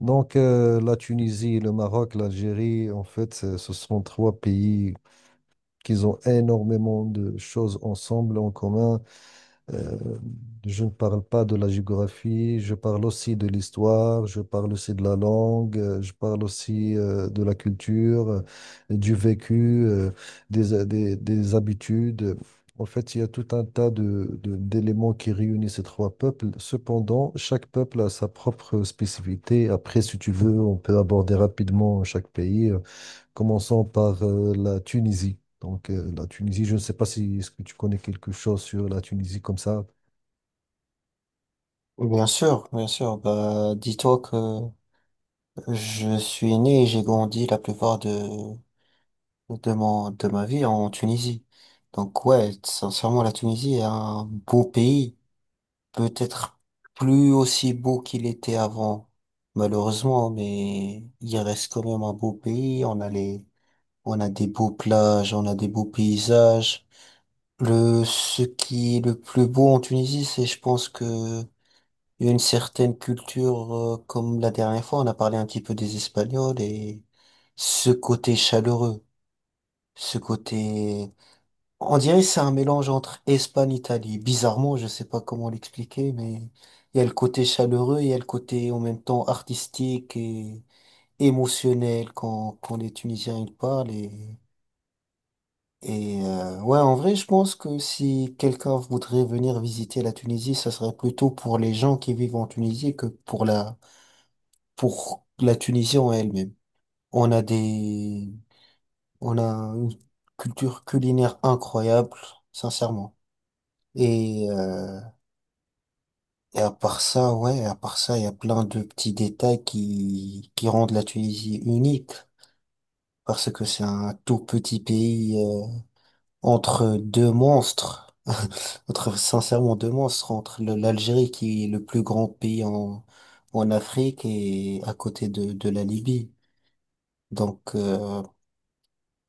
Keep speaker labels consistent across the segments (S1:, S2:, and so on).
S1: La Tunisie, le Maroc, l'Algérie, en fait, ce sont trois pays qui ont énormément de choses ensemble, en commun. Euh, je ne parle pas de la géographie, je parle aussi de l'histoire, je parle aussi de la langue, je parle aussi de la culture, du vécu, des habitudes. En fait, il y a tout un tas d'éléments qui réunissent ces trois peuples. Cependant, chaque peuple a sa propre spécificité. Après, si tu veux, on peut aborder rapidement chaque pays. Commençons par la Tunisie. La Tunisie, je ne sais pas si est-ce que tu connais quelque chose sur la Tunisie comme ça.
S2: Oui, bien sûr, bien sûr. Bah, dis-toi que je suis né et j'ai grandi la plupart de ma vie en Tunisie. Donc ouais, sincèrement, la Tunisie est un beau pays. Peut-être plus aussi beau qu'il était avant, malheureusement, mais il reste quand même un beau pays. On a des beaux plages, on a des beaux paysages. Ce qui est le plus beau en Tunisie, je pense que Il y a une certaine culture, comme la dernière fois, on a parlé un petit peu des Espagnols et ce côté chaleureux, ce côté, on dirait que c'est un mélange entre Espagne, Italie. Bizarrement, je sais pas comment l'expliquer, mais il y a le côté chaleureux, il y a le côté en même temps artistique et émotionnel quand les Tunisiens ils parlent et ouais, en vrai, je pense que si quelqu'un voudrait venir visiter la Tunisie, ça serait plutôt pour les gens qui vivent en Tunisie que pour la Tunisie en elle-même. On a des, on a une culture culinaire incroyable, sincèrement. Et, euh, et à part ça, ouais, à part ça, il y a plein de petits détails qui rendent la Tunisie unique, parce que c'est un tout petit pays, entre deux monstres, entre, sincèrement, deux monstres, entre l'Algérie qui est le plus grand pays en Afrique et à côté de la Libye. Donc, euh,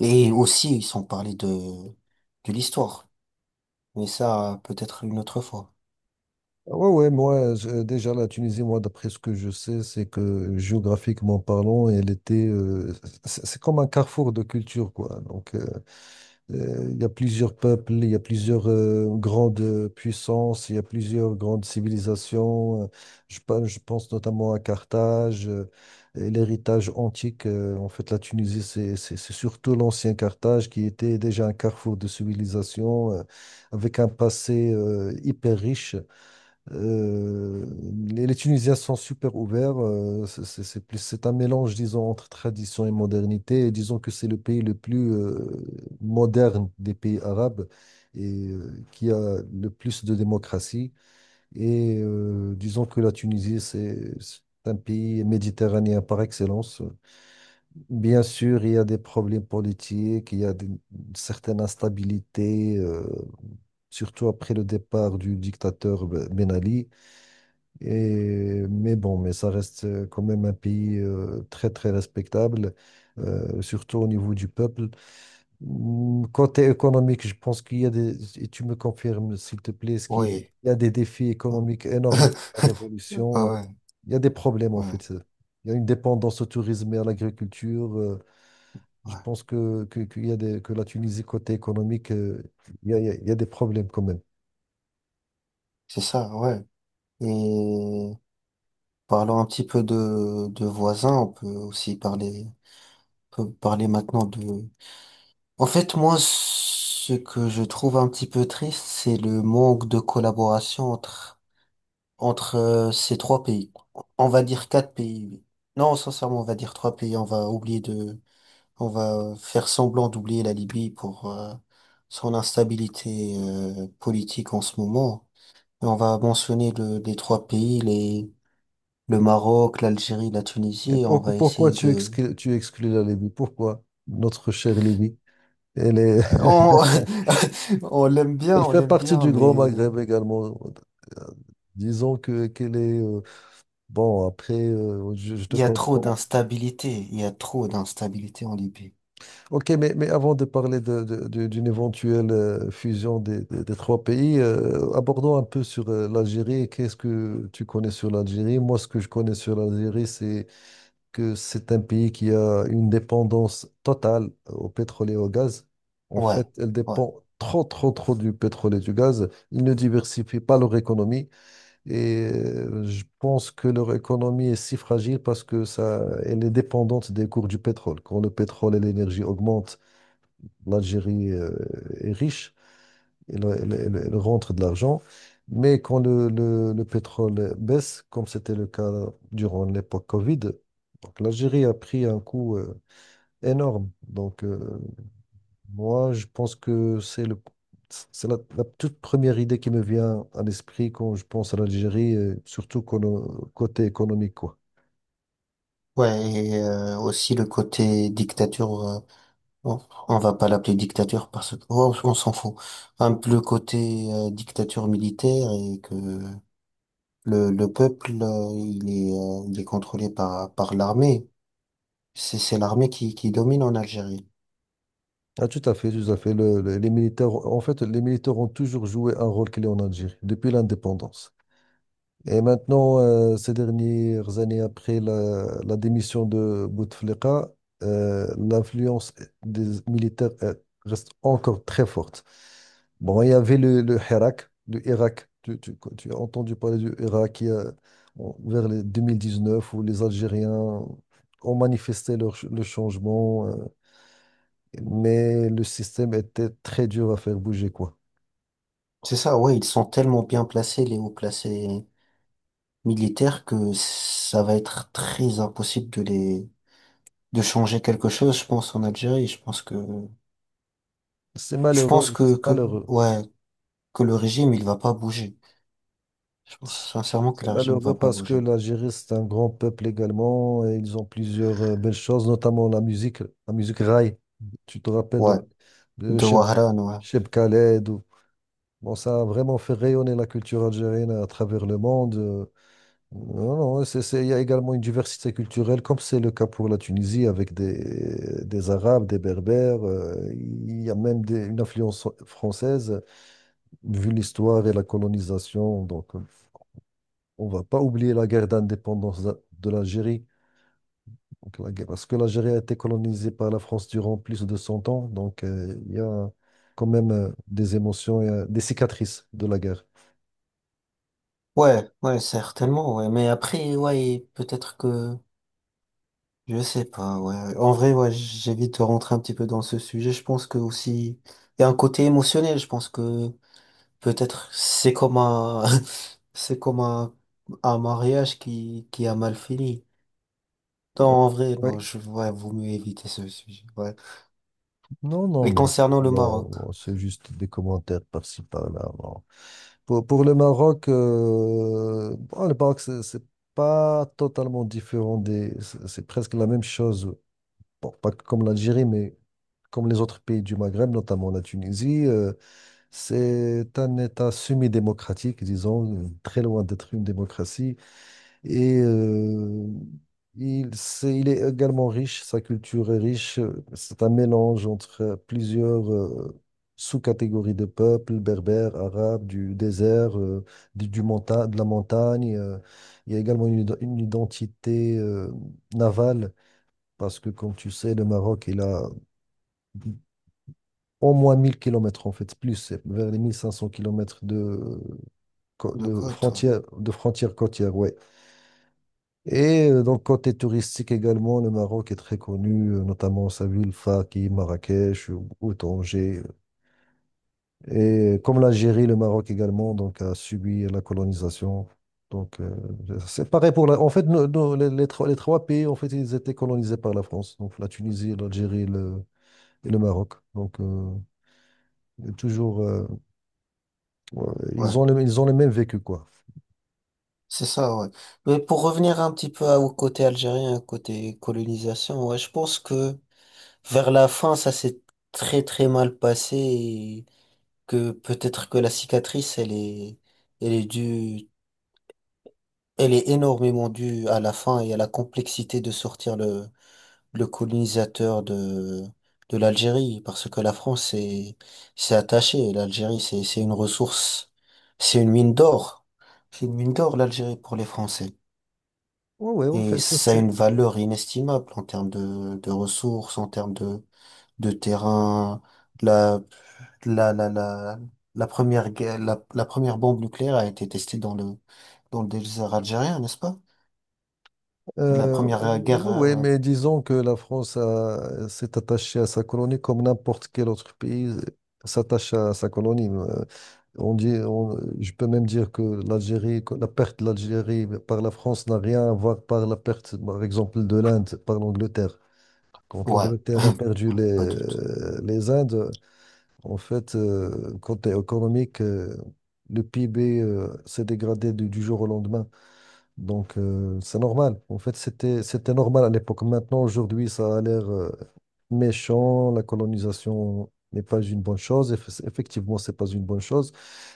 S2: Et aussi, ils sont parlé de l'histoire. Mais ça, peut-être une autre fois.
S1: Ah ouais, ouais, moi, déjà, la Tunisie, moi, d'après ce que je sais, c'est que géographiquement parlant, elle était. C'est comme un carrefour de culture, quoi. Il y a plusieurs peuples, il y a plusieurs grandes puissances, il y a plusieurs grandes civilisations. Je pense notamment à Carthage, et l'héritage antique. En fait, la Tunisie, c'est surtout l'ancien Carthage qui était déjà un carrefour de civilisation avec un passé hyper riche. Euh, les les Tunisiens sont super ouverts. C'est plus, c'est un mélange, disons, entre tradition et modernité. Et disons que c'est le pays le plus moderne des pays arabes et qui a le plus de démocratie. Disons que la Tunisie, c'est un pays méditerranéen par excellence. Bien sûr, il y a des problèmes politiques, il y a une certaine instabilité, surtout après le départ du dictateur Ben Ali. Et, mais bon, mais ça reste quand même un pays très, très respectable, surtout au niveau du peuple. Mm, côté économique, je pense qu'il y a des, et tu me confirmes, s'il te plaît, ce qu'il
S2: Oui.
S1: y a des défis économiques énormes à la
S2: Ah
S1: révolution.
S2: ouais,
S1: Il y a des problèmes, en
S2: ouais,
S1: fait. Il y a une dépendance au tourisme et à l'agriculture. Je
S2: ouais.
S1: pense que, Qu'il y a des, que la Tunisie, côté économique, il y a, il y a des problèmes quand même.
S2: C'est ça, ouais. Et parlons un petit peu de voisins. On peut aussi parler, on peut parler maintenant de... En fait, moi, ce que je trouve un petit peu triste, c'est le manque de collaboration entre ces trois pays. On va dire quatre pays. Oui. Non, sincèrement, on va dire trois pays. On va faire semblant d'oublier la Libye pour son instabilité politique en ce moment. Et on va mentionner les trois pays, les, le Maroc, l'Algérie, la
S1: Et
S2: Tunisie, et on va
S1: pourquoi
S2: essayer de...
S1: tu exclus la Libye? Pourquoi notre chère Libye? Elle est-
S2: euh, On,
S1: elle
S2: on
S1: fait
S2: l'aime
S1: partie
S2: bien,
S1: du Grand
S2: mais
S1: Maghreb également. Euh, Disons que qu'elle est je te
S2: il y a trop
S1: comprends.
S2: d'instabilité, il y a trop d'instabilité en Libye.
S1: Ok, mais avant de parler d'une éventuelle fusion des, des trois pays, abordons un peu sur l'Algérie. Qu'est-ce que tu connais sur l'Algérie? Moi, ce que je connais sur l'Algérie, c'est que c'est un pays qui a une dépendance totale au pétrole et au gaz. En
S2: Ouais,
S1: fait, elle
S2: ouais.
S1: dépend trop, trop, trop du pétrole et du gaz. Ils ne diversifient pas leur économie. Je pense que leur économie est si fragile parce que ça, elle est dépendante des cours du pétrole. Quand le pétrole et l'énergie augmentent, l'Algérie est riche, elle, elle rentre de l'argent. Mais quand le, le pétrole baisse, comme c'était le cas durant l'époque Covid, donc l'Algérie a pris un coup énorme. Moi, je pense que c'est le, c'est la, la toute première idée qui me vient à l'esprit quand je pense à l'Algérie, côté économique, quoi.
S2: Ouais, et aussi le côté dictature. Bon, on va pas l'appeler dictateur parce que oh, on s'en fout. Un peu le côté dictature militaire et que le peuple il est contrôlé par l'armée. C'est l'armée qui domine en Algérie.
S1: Ah, tout à fait, tout à fait. Les militaires, en fait, les militaires ont toujours joué un rôle clé en Algérie, depuis l'indépendance. Et maintenant, ces dernières années après la, la démission de Bouteflika, l'influence des militaires reste encore très forte. Bon, il y avait le Hirak, le Irak. Tu as entendu parler du Irak il y a- bon, vers les 2019 où les Algériens ont manifesté leur, le changement, mais le système était très dur à faire bouger, quoi.
S2: C'est ça, ouais, ils sont tellement bien placés les hauts placés militaires que ça va être très impossible de les de changer quelque chose, je pense en Algérie.
S1: C'est
S2: Je pense
S1: malheureux, c'est
S2: que
S1: malheureux.
S2: ouais que le régime il va pas bouger. Je pense sincèrement que
S1: C'est
S2: le régime va
S1: malheureux
S2: pas
S1: parce que
S2: bouger.
S1: l'Algérie, c'est un grand peuple également et ils ont plusieurs belles choses, notamment la musique raï. Tu te rappelles
S2: Ouais.
S1: de, de
S2: De
S1: Cheb,
S2: Warren, ouais.
S1: Cheb Khaled. Bon, ça a vraiment fait rayonner la culture algérienne à travers le monde. Non, non, il y a également une diversité culturelle, comme c'est le cas pour la Tunisie, avec des Arabes, des Berbères. Il y a même une influence française, vu l'histoire et la colonisation. On va pas oublier la guerre d'indépendance de l'Algérie. Parce que l'Algérie a été colonisée par la France durant plus de 100 ans. Il y a quand même des émotions, et, des cicatrices de la guerre.
S2: Ouais, ouais, certainement, ouais. Mais après, ouais, peut-être que, je sais pas, ouais. En vrai, ouais, j'évite de rentrer un petit peu dans ce sujet. Je pense que aussi, il y a un côté émotionnel. Je pense que peut-être c'est comme un mariage qui a mal fini. Non, en vrai, non,
S1: Oui.
S2: je, ouais, vaut mieux éviter ce sujet, ouais.
S1: Non, non,
S2: Et
S1: mais
S2: concernant le
S1: bon,
S2: Maroc,
S1: bon, c'est juste des commentaires par-ci, par-là. Bon. Pour le Maroc, bon, le Maroc, c'est pas totalement différent des, c'est presque la même chose. Bon, pas comme l'Algérie, mais comme les autres pays du Maghreb, notamment la Tunisie. C'est un État semi-démocratique, disons, très loin d'être une démocratie. Et euh, il est également riche, sa culture est riche. C'est un mélange entre plusieurs sous-catégories de peuples, berbères, arabes, du désert, de la montagne. Il y a également une, une identité navale, parce que, comme tu sais, le Maroc, il a au moins 1000 kilomètres en fait, plus, c'est vers les 1500 km de,
S2: de quoi, toi?
S1: de frontières côtières, ouais. Côté touristique également, le Maroc est très connu, notamment sa ville Faki, Marrakech ou Tanger. Comme l'Algérie, le Maroc également donc, a subi la colonisation. Donc, euh, c'est pareil pour la... En fait, les trois pays, en fait, ils étaient colonisés par la France. La Tunisie, et le Maroc. toujours... euh, ouais,
S2: Ouais.
S1: ils ont le même vécu, quoi.
S2: C'est ça, ouais. Mais pour revenir un petit peu au côté algérien, côté colonisation, ouais, je pense que vers la fin, ça s'est très très mal passé et que peut-être que la cicatrice, elle est due, elle est énormément due à la fin et à la complexité de sortir le colonisateur de l'Algérie, parce que s'est attachée. L'Algérie, c'est une ressource, c'est une mine d'or. C'est une mine d'or, l'Algérie, pour les Français.
S1: Oui, ouais, ouais, en fait,
S2: Et ça a une valeur inestimable en termes de ressources, en termes de terrain. La, la, la, la, la la première bombe nucléaire a été testée dans le désert algérien, n'est-ce pas? La première euh, guerre,
S1: ouais, ouais,
S2: euh,
S1: mais disons que la France s'est attachée à sa colonie comme n'importe quel autre pays s'attache à sa colonie. Je peux même dire que la perte de l'Algérie par la France n'a rien à voir par la perte, par exemple, de l'Inde, par l'Angleterre. Quand
S2: ouais,
S1: l'Angleterre a perdu
S2: ouais, pas du tout.
S1: les Indes, en fait, côté économique, le PIB s'est dégradé du jour au lendemain. C'est normal. En fait, c'était, c'était normal à l'époque. Maintenant, aujourd'hui, ça a l'air méchant. La colonisation n'est pas une bonne chose. Effectivement, c'est pas une bonne chose.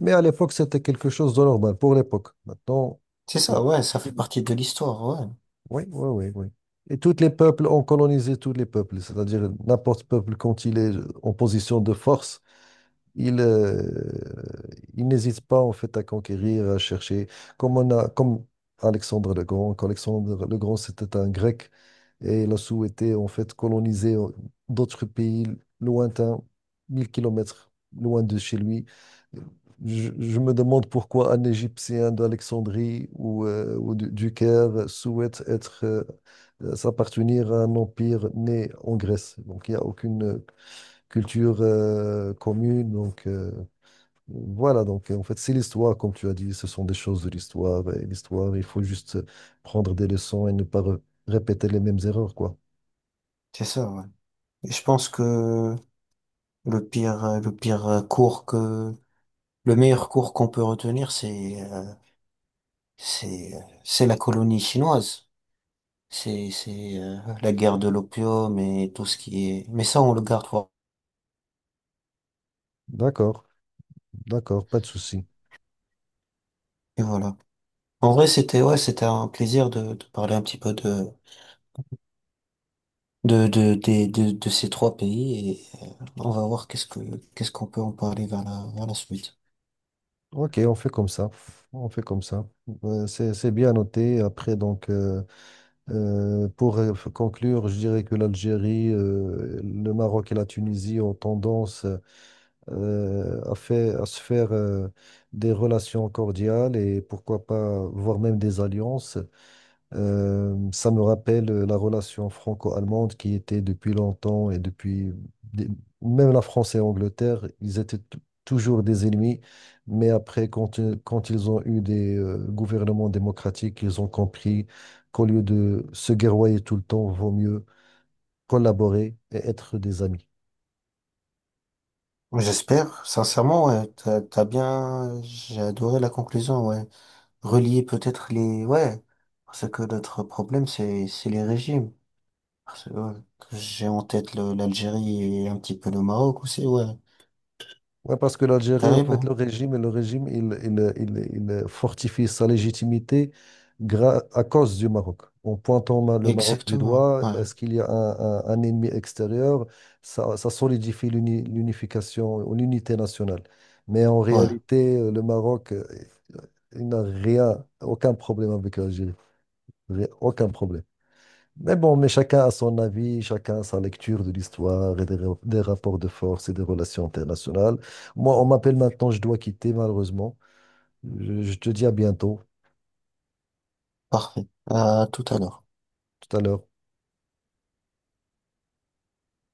S1: Mais à l'époque, c'était quelque chose de normal pour l'époque. Maintenant,
S2: C'est
S1: c'est...
S2: ça, ouais, ça fait partie de l'histoire, ouais.
S1: Oui, oui, oui, oui. Et tous les peuples ont colonisé tous les peuples, c'est-à-dire n'importe peuple quand il est en position de force, il, euh, il n'hésite pas en fait à conquérir, à chercher. Comme Alexandre le Grand, qu'Alexandre le Grand c'était un Grec et il a souhaité en fait coloniser d'autres pays lointains, 1000 kilomètres loin de chez lui. Je me demande pourquoi un Égyptien d'Alexandrie ou, du Caire souhaite être s'appartenir à un empire né en Grèce. Donc il n'y a aucune culture commune. Voilà, donc en fait, c'est l'histoire, comme tu as dit, ce sont des choses de l'histoire. Et l'histoire, il faut juste prendre des leçons et ne pas répéter les mêmes erreurs, quoi.
S2: C'est ça, ouais. Et je pense que le pire, euh, le pire euh, cours que, le meilleur cours qu'on peut retenir, c'est la colonie chinoise. C'est la guerre de l'opium et tout ce qui est... Mais ça, on le garde pour...
S1: D'accord, d'accord, pas de souci.
S2: Et voilà. En vrai, c'était ouais, c'était un plaisir de parler un petit peu de ces trois pays et on va voir qu'est-ce qu'on peut en parler vers vers la suite.
S1: Ok, on fait comme ça. On fait comme ça. C'est bien noté. Après, pour conclure, je dirais que l'Algérie, le Maroc et la Tunisie ont tendance à se faire des relations cordiales et pourquoi pas, voire même des alliances. Ça me rappelle la relation franco-allemande qui était depuis longtemps et des- même la France et l'Angleterre, toujours des ennemis, mais après, quand ils ont eu des gouvernements démocratiques, ils ont compris qu'au lieu de se guerroyer tout le temps, vaut mieux collaborer et être des amis.
S2: J'espère, sincèrement, ouais, t'as bien, j'ai adoré la conclusion, ouais. Relier peut-être les, ouais, parce que notre problème, c'est les régimes. Parce que, ouais, que j'ai en tête l'Algérie et un petit peu le Maroc aussi, ouais,
S1: Ouais, parce que l'Algérie, en fait,
S2: carrément,
S1: le régime, il fortifie sa légitimité à cause du Maroc. En pointant le Maroc du
S2: exactement,
S1: doigt,
S2: ouais,
S1: parce qu'il y a un ennemi extérieur, ça solidifie l'unification, ou l'unité nationale. Mais en
S2: ouais,
S1: réalité, le Maroc, il n'a rien, aucun problème avec l'Algérie. Aucun problème. Mais bon, mais chacun a son avis, chacun a sa lecture de l'histoire et des rapports de force et des relations internationales. Moi, on m'appelle maintenant, je dois quitter malheureusement. Je te dis à bientôt,
S2: parfait. À tout à l'heure.
S1: tout à l'heure.